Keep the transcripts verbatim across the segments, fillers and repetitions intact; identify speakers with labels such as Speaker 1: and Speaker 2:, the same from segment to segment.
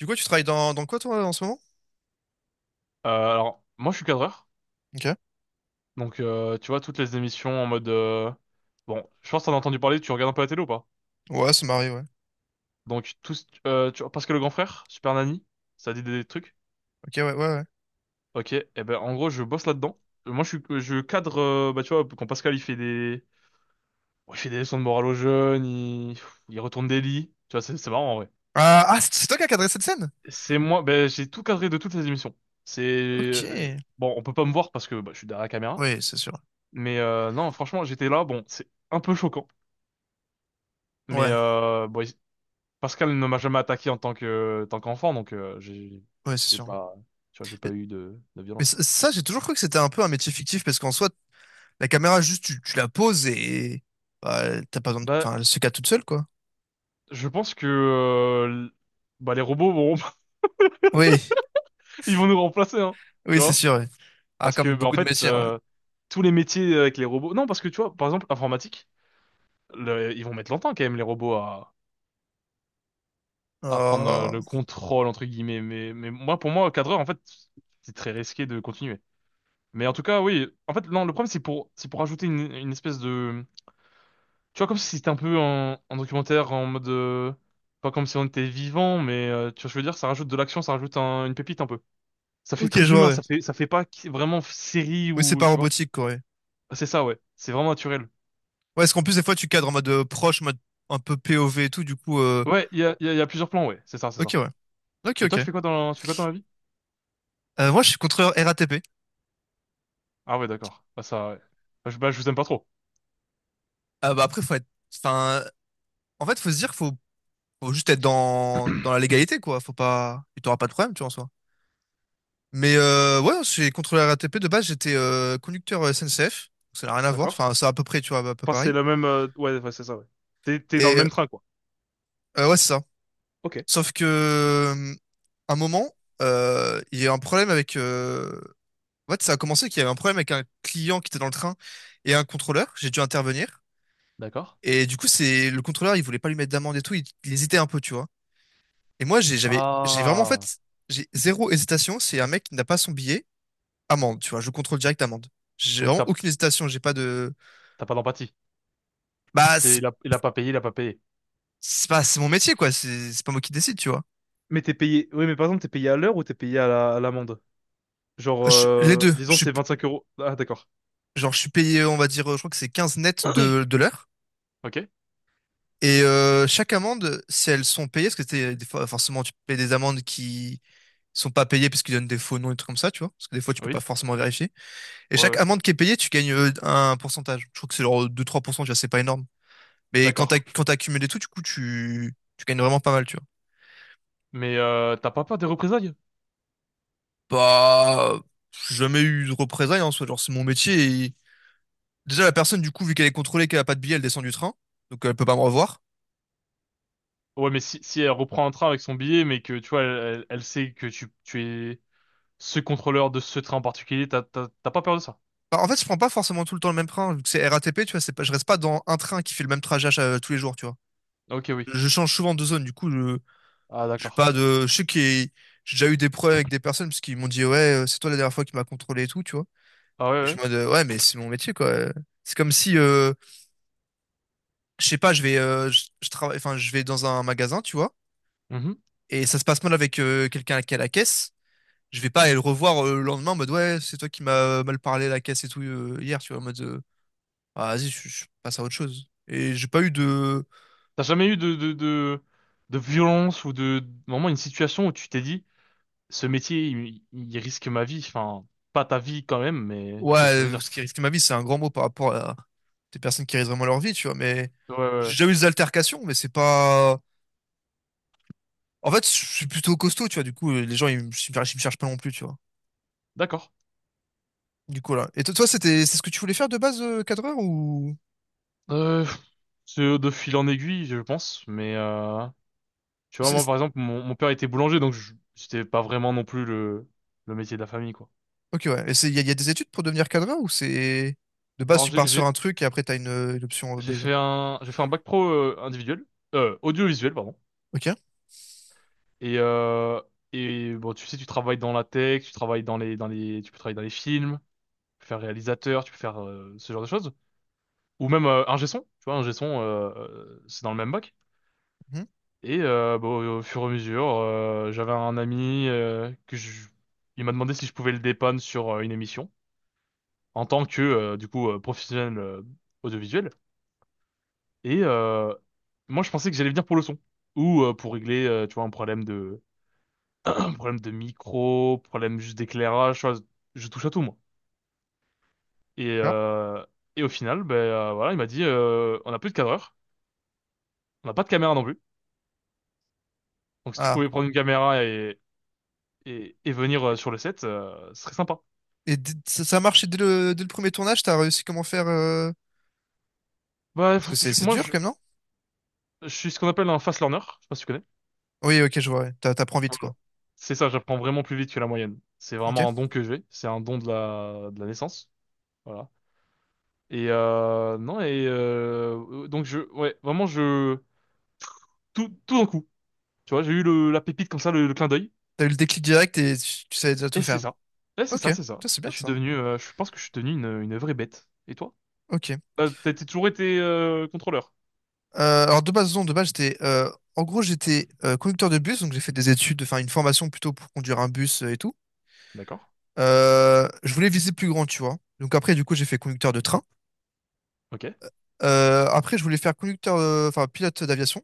Speaker 1: Du coup, tu travailles dans, dans quoi, toi, en ce moment?
Speaker 2: Euh, alors, moi, je suis cadreur.
Speaker 1: Ok.
Speaker 2: Donc, euh, tu vois, toutes les émissions en mode... euh, Bon, je pense que t'en as entendu parler, tu regardes un peu la télé ou pas?
Speaker 1: Ouais, ça m'arrive, ouais.
Speaker 2: Donc, tous, euh, tu vois, parce que le grand frère, Super Nanny, ça dit des trucs.
Speaker 1: Ok, ouais, ouais, ouais.
Speaker 2: Ok, et ben, en gros, je bosse là-dedans. Euh, Moi, je suis, je cadre, euh, bah, tu vois, quand Pascal, il fait des... bon, il fait des leçons de morale aux jeunes, il, il retourne des lits. Tu vois, c'est c'est marrant, en vrai.
Speaker 1: Ah, ah, c'est c'est toi qui as cadré cette scène?
Speaker 2: C'est moi, ben, j'ai tout cadré de toutes les émissions. C'est...
Speaker 1: Ok.
Speaker 2: euh, Bon, on peut pas me voir parce que bah, je suis derrière la caméra.
Speaker 1: Oui, c'est sûr.
Speaker 2: Mais euh, non, franchement, j'étais là, bon, c'est un peu choquant. Mais
Speaker 1: Ouais,
Speaker 2: euh, bon, il- Pascal ne m'a jamais attaqué en tant que euh, tant qu'enfant, donc euh, j'ai
Speaker 1: ouais, c'est
Speaker 2: j'ai
Speaker 1: sûr.
Speaker 2: pas, tu vois, j'ai pas
Speaker 1: Mais,
Speaker 2: eu de, de
Speaker 1: mais
Speaker 2: violence
Speaker 1: ça,
Speaker 2: quoi.
Speaker 1: ça, j'ai toujours cru que c'était un peu un métier fictif, parce qu'en soi, la caméra, juste, tu, tu la poses et bah, t'as pas besoin de,
Speaker 2: Bah
Speaker 1: enfin, elle se cadre toute seule, quoi.
Speaker 2: je pense que euh, l- bah les robots vont
Speaker 1: Oui,
Speaker 2: ils vont nous remplacer hein, tu
Speaker 1: oui, c'est
Speaker 2: vois?
Speaker 1: sûr, ouais. Ah,
Speaker 2: Parce
Speaker 1: comme
Speaker 2: que bah, en
Speaker 1: beaucoup de
Speaker 2: fait,
Speaker 1: métiers, ouais.
Speaker 2: euh, tous les métiers avec les robots, non, parce que tu vois, par exemple informatique, le- ils vont mettre longtemps quand même les robots à à prendre euh,
Speaker 1: Oh.
Speaker 2: le contrôle entre guillemets, mais mais moi, pour moi cadreur en fait c'est très risqué de continuer. Mais en tout cas oui, en fait non, le problème c'est pour, c'est pour ajouter une une espèce de... Tu vois, comme si c'était un peu un, un documentaire en mode... euh, pas comme si on était vivant, mais euh, tu vois, je veux dire, ça rajoute de l'action, ça rajoute un- une pépite un peu. Ça fait
Speaker 1: Ok,
Speaker 2: très
Speaker 1: je
Speaker 2: humain,
Speaker 1: vois, ouais.
Speaker 2: ça fait, ça fait pas qui- vraiment série
Speaker 1: Oui, c'est
Speaker 2: ou...
Speaker 1: pas
Speaker 2: Tu vois?
Speaker 1: robotique, quoi, ouais.
Speaker 2: C'est ça, ouais. C'est vraiment naturel.
Speaker 1: Ouais, est-ce qu'en plus, des fois, tu cadres en mode euh, proche, en mode un peu P O V et tout, du coup... euh,
Speaker 2: Ouais, il y a, il y a, il y a plusieurs plans, ouais. C'est ça, c'est
Speaker 1: Ok,
Speaker 2: ça.
Speaker 1: ouais. Ok,
Speaker 2: Et toi, tu
Speaker 1: ok.
Speaker 2: fais quoi dans, tu fais quoi dans la vie?
Speaker 1: Euh, moi, je suis contrôleur R A T P.
Speaker 2: Ah ouais, d'accord. Bah ça, ouais. Bah, je, bah, je vous aime pas trop.
Speaker 1: Euh, bah, après, faut être. Enfin, en fait, faut se dire, qu'il faut, faut juste être dans, dans la légalité, quoi. Faut pas. Tu t'auras pas de problème, tu vois, en soi. Mais euh, ouais, je suis contrôleur R A T P. De base, j'étais euh, conducteur S N C F. Donc, ça n'a rien à voir.
Speaker 2: D'accord.
Speaker 1: Enfin, c'est à peu près, tu vois, à peu
Speaker 2: Enfin, c'est
Speaker 1: pareil.
Speaker 2: la même... euh, ouais, ouais, c'est ça, ouais. T'es, t'es dans le
Speaker 1: Et
Speaker 2: même train, quoi.
Speaker 1: euh, ouais, c'est ça.
Speaker 2: Ok.
Speaker 1: Sauf que, euh, un moment, euh, il y a eu un problème avec. euh, En fait, ça a commencé qu'il y avait un problème avec un client qui était dans le train et un contrôleur. J'ai dû intervenir.
Speaker 2: D'accord.
Speaker 1: Et du coup, c'est le contrôleur, il voulait pas lui mettre d'amende et tout. Il, il hésitait un peu, tu vois. Et moi, j'ai, j'avais, j'ai vraiment, en
Speaker 2: Ah.
Speaker 1: fait, j'ai zéro hésitation. C'est un mec qui n'a pas son billet, amende, tu vois, je contrôle direct amende. J'ai
Speaker 2: Donc
Speaker 1: vraiment
Speaker 2: t'as,
Speaker 1: aucune hésitation, j'ai pas de.
Speaker 2: t'as pas d'empathie.
Speaker 1: Bah,
Speaker 2: C'est,
Speaker 1: c'est
Speaker 2: il a, il a pas payé, il a pas payé.
Speaker 1: c'est pas, c'est mon métier, quoi, c'est c'est pas moi qui décide, tu vois.
Speaker 2: Mais t'es payé. Oui, mais par exemple, t'es payé à l'heure ou t'es payé à la- à l'amende? Genre,
Speaker 1: Je- les
Speaker 2: euh,
Speaker 1: deux,
Speaker 2: disons,
Speaker 1: je suis,
Speaker 2: c'est
Speaker 1: p-
Speaker 2: vingt-cinq euros. Ah, d'accord.
Speaker 1: genre, je suis payé, on va dire, je crois que c'est quinze net de, de l'heure.
Speaker 2: Ok?
Speaker 1: Et euh, chaque amende, si elles sont payées, parce que t'es- des fois, forcément, tu payes des amendes qui sont pas payées parce qu'ils donnent des faux noms et des trucs comme ça, tu vois. Parce que des fois, tu peux
Speaker 2: Oui?
Speaker 1: pas forcément vérifier. Et
Speaker 2: Ouais,
Speaker 1: chaque
Speaker 2: ouais.
Speaker 1: amende qui est payée, tu gagnes euh, un pourcentage. Je crois que c'est genre deux-trois pour cent, tu vois, c'est pas énorme. Mais quand t'as,
Speaker 2: D'accord.
Speaker 1: quand t'as accumulé tout, du coup, tu, tu gagnes vraiment pas mal, tu vois.
Speaker 2: Mais euh, t'as pas peur des représailles?
Speaker 1: Bah, j'ai jamais eu de représailles en soi, genre c'est mon métier. et- Déjà, la personne, du coup, vu qu'elle est contrôlée, qu'elle a pas de billet, elle descend du train, donc elle peut pas me revoir.
Speaker 2: Ouais, mais si, si elle reprend un train avec son billet, mais que tu vois, elle, elle- elle sait que tu, tu es ce contrôleur de ce train en particulier, t'as t'as- t'as pas peur de ça?
Speaker 1: Bah, en fait, je prends pas forcément tout le temps le même train, vu que c'est R A T P tu vois, c'est pas, je reste pas dans un train qui fait le même trajet à chaque- tous les jours, tu vois.
Speaker 2: Ok, oui.
Speaker 1: Je change souvent de zone, du coup, je,
Speaker 2: Ah,
Speaker 1: j'ai
Speaker 2: d'accord.
Speaker 1: pas de, je sais que j'ai déjà eu des problèmes avec des personnes parce qu'ils m'ont dit, ouais, euh, c'est toi la dernière fois qui m'a contrôlé et tout, tu vois.
Speaker 2: Ah
Speaker 1: Et je
Speaker 2: ouais,
Speaker 1: me dis, ouais, mais c'est mon métier, quoi. C'est comme si, euh, je sais pas, je vais, euh, je, je travaille, enfin, je vais dans un magasin, tu vois,
Speaker 2: ouais. Mhm.
Speaker 1: et ça se passe mal avec euh, quelqu'un qui est à la caisse. Je vais pas aller le revoir euh, le lendemain en mode ouais, c'est toi qui m'as mal parlé à la caisse et tout euh, hier, tu vois, en mode euh, Ah, vas-y, je, je passe à autre chose. Et j'ai pas eu de
Speaker 2: T'as jamais eu de, de, de, de violence ou de, vraiment une situation où tu t'es dit, ce métier, il, il risque ma vie. Enfin, pas ta vie quand même, mais tu vois ce que je veux
Speaker 1: ouais,
Speaker 2: dire.
Speaker 1: ce qui risque ma vie, c'est un grand mot par rapport à des personnes qui risquent vraiment leur vie, tu vois, mais
Speaker 2: Ouais, ouais,
Speaker 1: j'ai
Speaker 2: ouais.
Speaker 1: déjà eu des altercations, mais c'est pas. En fait, je suis plutôt costaud, tu vois, du coup, les gens, ils me, ils me cherchent pas non plus, tu vois.
Speaker 2: D'accord.
Speaker 1: Du coup, là. Et toi, toi, c'était, c'est ce que tu voulais faire de base, euh, cadreur, ou.
Speaker 2: Euh, c'est de fil en aiguille, je pense, mais euh, tu vois, moi,
Speaker 1: C'est-
Speaker 2: par exemple, mon, mon père était boulanger, donc je- c'était pas vraiment non plus le, le métier de la famille, quoi.
Speaker 1: Ok, ouais. Et c'est, il y, a y a des études pour devenir cadreur ou c'est... De base,
Speaker 2: Alors,
Speaker 1: tu
Speaker 2: j'ai,
Speaker 1: pars sur
Speaker 2: j'ai,
Speaker 1: un truc et après, t'as une, euh, une option euh,
Speaker 2: j'ai
Speaker 1: B, genre.
Speaker 2: fait un, j'ai fait un bac pro euh, individuel, euh, audiovisuel, pardon.
Speaker 1: Ok.
Speaker 2: Et, euh, et bon, tu sais, tu travailles dans la tech, tu travailles dans les, dans les, tu peux travailler dans les films, tu peux faire réalisateur, tu peux faire euh, ce genre de choses. Ou même euh, ingé son, tu vois, ingé son, euh, euh, c'est dans le même bac.
Speaker 1: Mhm.
Speaker 2: Et euh, bon, au fur et à mesure, euh, j'avais un ami euh, que je... il m'a demandé si je pouvais le dépanner sur euh, une émission en tant que euh, du coup euh, professionnel euh, audiovisuel. Et euh, moi, je pensais que j'allais venir pour le son ou euh, pour régler, euh, tu vois, un problème de un problème de micro, problème juste d'éclairage, tu vois. Je touche à tout moi. Et
Speaker 1: D'accord.
Speaker 2: euh, et au final, ben euh, voilà, il m'a dit, euh, on n'a plus de cadreur, on n'a pas de caméra non plus. Donc si tu pouvais
Speaker 1: Ah.
Speaker 2: prendre une caméra et et, et venir euh, sur le set, euh, ce serait sympa.
Speaker 1: Et d- ça, ça a marché dès le, dès le premier tournage, t'as réussi comment faire euh,
Speaker 2: Bah,
Speaker 1: Parce
Speaker 2: faut-
Speaker 1: que c'est
Speaker 2: je-
Speaker 1: c'est
Speaker 2: moi,
Speaker 1: dur
Speaker 2: je,
Speaker 1: quand même, non?
Speaker 2: je suis ce qu'on appelle un fast learner. Je sais pas si tu connais.
Speaker 1: Oui, ok, je vois, ouais. T'a- T'apprends vite,
Speaker 2: Voilà.
Speaker 1: quoi.
Speaker 2: C'est ça, j'apprends vraiment plus vite que la moyenne. C'est vraiment un
Speaker 1: Ok.
Speaker 2: don que j'ai. C'est un don de la, de la naissance. Voilà. Et euh, non, et euh, donc, je, ouais, vraiment, je... Tout, tout d'un coup. Tu vois, j'ai eu le, la pépite comme ça, le, le clin d'œil.
Speaker 1: T'as eu le déclic direct et tu, tu savais déjà tout
Speaker 2: Et c'est
Speaker 1: faire.
Speaker 2: ça. Et c'est
Speaker 1: Ok,
Speaker 2: ça, c'est ça.
Speaker 1: ça c'est
Speaker 2: Et
Speaker 1: bien
Speaker 2: je suis
Speaker 1: ça.
Speaker 2: devenu, euh, je pense que je suis devenu une, une vraie bête. Et toi?
Speaker 1: Ok.
Speaker 2: Euh, t'as t'as toujours été euh, contrôleur.
Speaker 1: Euh, alors de base, non, de base, j'étais, euh, en gros, j'étais euh, conducteur de bus, donc j'ai fait des études, enfin une formation plutôt pour conduire un bus euh, et tout.
Speaker 2: D'accord.
Speaker 1: Euh, je voulais viser plus grand, tu vois. Donc après, du coup, j'ai fait conducteur de train.
Speaker 2: Ok.
Speaker 1: Euh, après, je voulais faire conducteur, euh, enfin pilote d'aviation.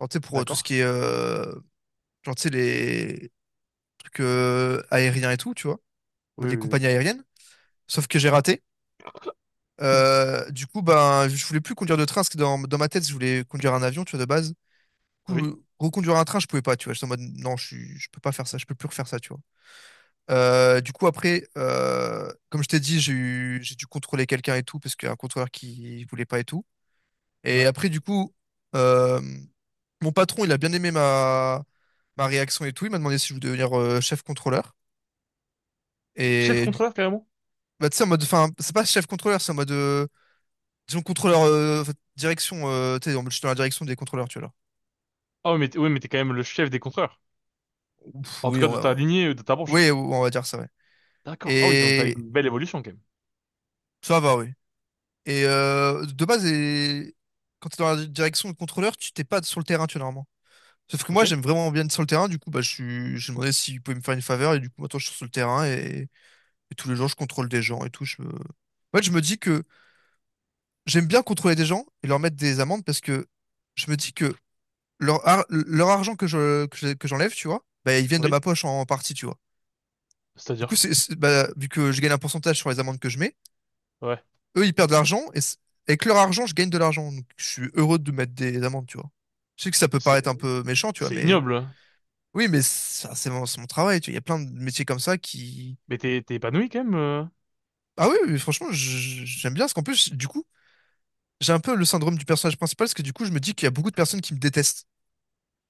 Speaker 1: Alors, tu sais, pour euh, tout ce
Speaker 2: D'accord.
Speaker 1: qui est, euh, genre, tu sais, les trucs euh, aériens et tout, tu vois,
Speaker 2: Oui,
Speaker 1: les
Speaker 2: oui,
Speaker 1: compagnies aériennes. Sauf que j'ai raté.
Speaker 2: oui.
Speaker 1: Euh, du coup, ben, je voulais plus conduire de train, parce que dans, dans ma tête, je voulais conduire un avion, tu vois, de base. coup,
Speaker 2: Oui.
Speaker 1: euh, reconduire un train, je pouvais pas, tu vois. J'étais en mode, non, je suis, je peux pas faire ça, je peux plus refaire ça, tu vois. Euh, du coup, après, euh, comme je t'ai dit, j'ai eu, j'ai dû contrôler quelqu'un et tout, parce qu'il y a un contrôleur qui voulait pas et tout. Et
Speaker 2: Ouais.
Speaker 1: après, du coup, euh, mon patron, il a bien aimé ma, ma réaction et tout. Il m'a demandé si je voulais devenir euh, chef contrôleur.
Speaker 2: Chef
Speaker 1: Et du-
Speaker 2: contrôleur, carrément?
Speaker 1: Bah, tu sais, en mode, enfin, c'est pas chef contrôleur, c'est en mode, euh, disons, contrôleur, euh, en fait, direction, euh, tu sais, en mode, je suis dans la direction des contrôleurs, tu vois. Là.
Speaker 2: Ah oui, mais t'es oui, mais t'es quand même le chef des contreurs.
Speaker 1: Ouf,
Speaker 2: En tout
Speaker 1: oui,
Speaker 2: cas,
Speaker 1: on
Speaker 2: de
Speaker 1: va,
Speaker 2: ta lignée, euh, de ta branche.
Speaker 1: oui, on va dire ça, ouais.
Speaker 2: D'accord. Ah oui, donc t'as eu
Speaker 1: Et
Speaker 2: une belle évolution quand même.
Speaker 1: ça va, oui. Et euh, de base, et... Quand tu es dans la direction de contrôleur, tu t'es pas sur le terrain, tu vois, normalement. Sauf que moi,
Speaker 2: Ok.
Speaker 1: j'aime vraiment bien être sur le terrain, du coup, bah, je suis... j'ai demandé s'il pouvait me faire une faveur, et du coup, maintenant, je suis sur le terrain, et, et tous les jours, je contrôle des gens et tout. Je me... En fait, je me dis que j'aime bien contrôler des gens et leur mettre des amendes parce que je me dis que leur, ar- leur argent que je, que je- que j'enlève, tu vois, bah, ils viennent de
Speaker 2: Oui.
Speaker 1: ma poche en partie, tu vois. Du coup,
Speaker 2: C'est-à-dire.
Speaker 1: c'est, c'est- bah, vu que je gagne un pourcentage sur les amendes que je mets,
Speaker 2: Ouais.
Speaker 1: eux, ils perdent de l'argent et c- avec leur argent, je gagne de l'argent. Donc, je suis heureux de mettre des amendes, tu vois. Je sais que ça peut
Speaker 2: C'est
Speaker 1: paraître un peu méchant, tu vois,
Speaker 2: c'est
Speaker 1: mais
Speaker 2: ignoble, hein.
Speaker 1: oui, mais ça, c'est mon, c'est mon travail, tu vois. Il y a plein de métiers comme ça qui.
Speaker 2: Mais t'es t'es épanoui quand même, euh.
Speaker 1: Ah oui, oui, franchement, je- j'aime bien parce qu'en plus, du coup, j'ai un peu le syndrome du personnage principal parce que du coup, je me dis qu'il y a beaucoup de personnes qui me détestent.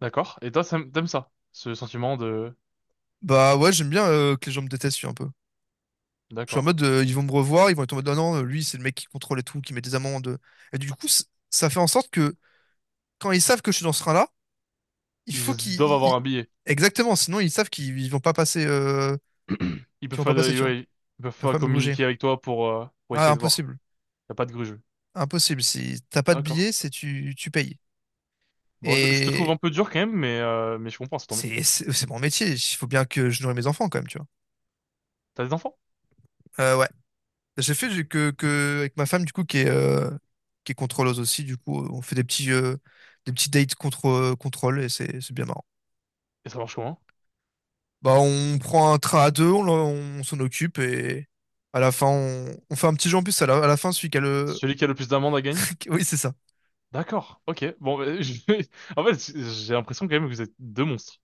Speaker 2: D'accord. Et toi, ça- t'aimes ça, ce sentiment de...
Speaker 1: Bah ouais, j'aime bien euh, que les gens me détestent, tu vois, un peu. Je suis en
Speaker 2: D'accord.
Speaker 1: mode, euh, ils vont me revoir, ils vont être en mode, non, non, lui, c'est le mec qui contrôle et tout, qui met des amendes. Et du coup, c- ça fait en sorte que quand ils savent que je suis dans ce train-là, il faut
Speaker 2: Ils doivent
Speaker 1: qu'ils.
Speaker 2: avoir
Speaker 1: ils-
Speaker 2: un billet.
Speaker 1: Exactement, sinon ils savent qu'ils ils vont pas passer, euh,
Speaker 2: Ils
Speaker 1: qu'ils
Speaker 2: peuvent
Speaker 1: vont
Speaker 2: pas,
Speaker 1: pas passer,
Speaker 2: de-
Speaker 1: tu vois.
Speaker 2: ouais, ils
Speaker 1: Ils
Speaker 2: peuvent
Speaker 1: peuvent
Speaker 2: pas
Speaker 1: pas me gruger.
Speaker 2: communiquer avec toi pour euh, pour
Speaker 1: Ah,
Speaker 2: essayer de voir.
Speaker 1: impossible.
Speaker 2: Y a pas de grugeux.
Speaker 1: Impossible. Si t'as pas de
Speaker 2: D'accord.
Speaker 1: billet, c'est tu, tu payes.
Speaker 2: Bon, je, je te trouve
Speaker 1: Et
Speaker 2: un peu dur quand même, mais euh, mais je comprends, c'est ton métier.
Speaker 1: c'est c'est c'est mon métier. Il faut bien que je nourris mes enfants quand même, tu vois.
Speaker 2: T'as des enfants?
Speaker 1: Euh, ouais. J'ai fait du- que, que avec ma femme du coup qui est euh, qui est contrôleuse aussi. Du coup, on fait des petits euh, des petits dates contre euh, contrôle et c'est c'est bien marrant.
Speaker 2: Et ça marche comment?
Speaker 1: Bah, on prend un train à deux, on, l'en- on s'en occupe et à la fin on, on fait un petit jeu en plus. À la, à la fin, celui qui a le.
Speaker 2: Celui qui a le plus d'amendes à gagner?
Speaker 1: Oui, c'est ça.
Speaker 2: D'accord, ok. Bon, bah, je en fait, j'ai l'impression quand même que vous êtes deux monstres.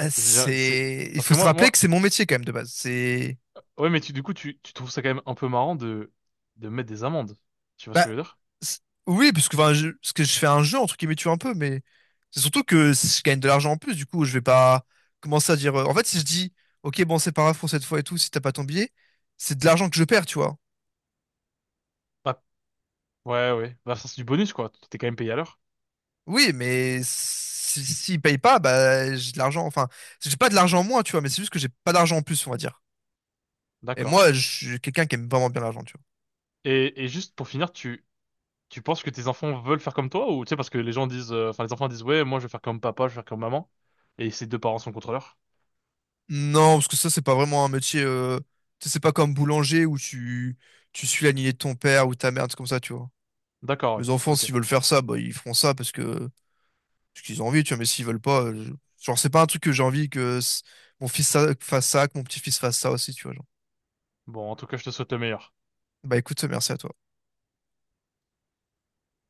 Speaker 1: Euh,
Speaker 2: C'est, c'est-
Speaker 1: C'est, il
Speaker 2: parce
Speaker 1: faut
Speaker 2: que
Speaker 1: se
Speaker 2: moi,
Speaker 1: rappeler que
Speaker 2: moi,
Speaker 1: c'est mon métier quand même de base. C'est,
Speaker 2: ouais, mais tu, du coup, tu, tu trouves ça quand même un peu marrant de, de mettre des amendes. Tu vois ce
Speaker 1: bah,
Speaker 2: que je veux dire?
Speaker 1: c'est- oui, parce que, enfin, je... parce que je fais un jeu entre guillemets, tu vois, un peu, mais c'est surtout que si je gagne de l'argent en plus. Du coup, je vais pas commencer à dire. euh, En fait, si je dis, ok, bon, c'est pas grave pour cette fois et tout, si t'as pas ton billet, c'est de l'argent que je perds, tu vois.
Speaker 2: Bah, ouais, ouais. Bah, ça, c'est du bonus, quoi. T'es quand même payé à l'heure.
Speaker 1: Oui, mais si... s'ils payent pas, bah, j'ai de l'argent. Enfin, j'ai pas de l'argent en moins, tu vois, mais c'est juste que j'ai pas d'argent en plus, on va dire. Et
Speaker 2: D'accord.
Speaker 1: moi, je suis quelqu'un qui aime vraiment bien l'argent, tu vois.
Speaker 2: Et, et juste pour finir, tu, tu penses que tes enfants veulent faire comme toi ou tu sais, parce que les gens disent, euh, enfin, les enfants disent, ouais, moi, je vais faire comme papa, je vais faire comme maman. Et ses deux parents sont contrôleurs.
Speaker 1: Non, parce que ça, c'est pas vraiment un métier. Euh... tu sais, c'est pas comme boulanger où tu, tu suis la lignée de ton père ou ta mère, c'est comme ça, tu vois.
Speaker 2: D'accord, ouais.
Speaker 1: Mes enfants,
Speaker 2: Ok.
Speaker 1: s'ils veulent faire ça, bah, ils feront ça parce que parce qu'ils ont envie, tu vois. Mais s'ils veulent pas, euh, je- genre, c'est pas un truc que j'ai envie que s- mon fils ça- fasse ça, que mon petit-fils fasse ça aussi, tu vois. Genre.
Speaker 2: Bon, en tout cas, je te souhaite le meilleur.
Speaker 1: Bah écoute, merci à toi.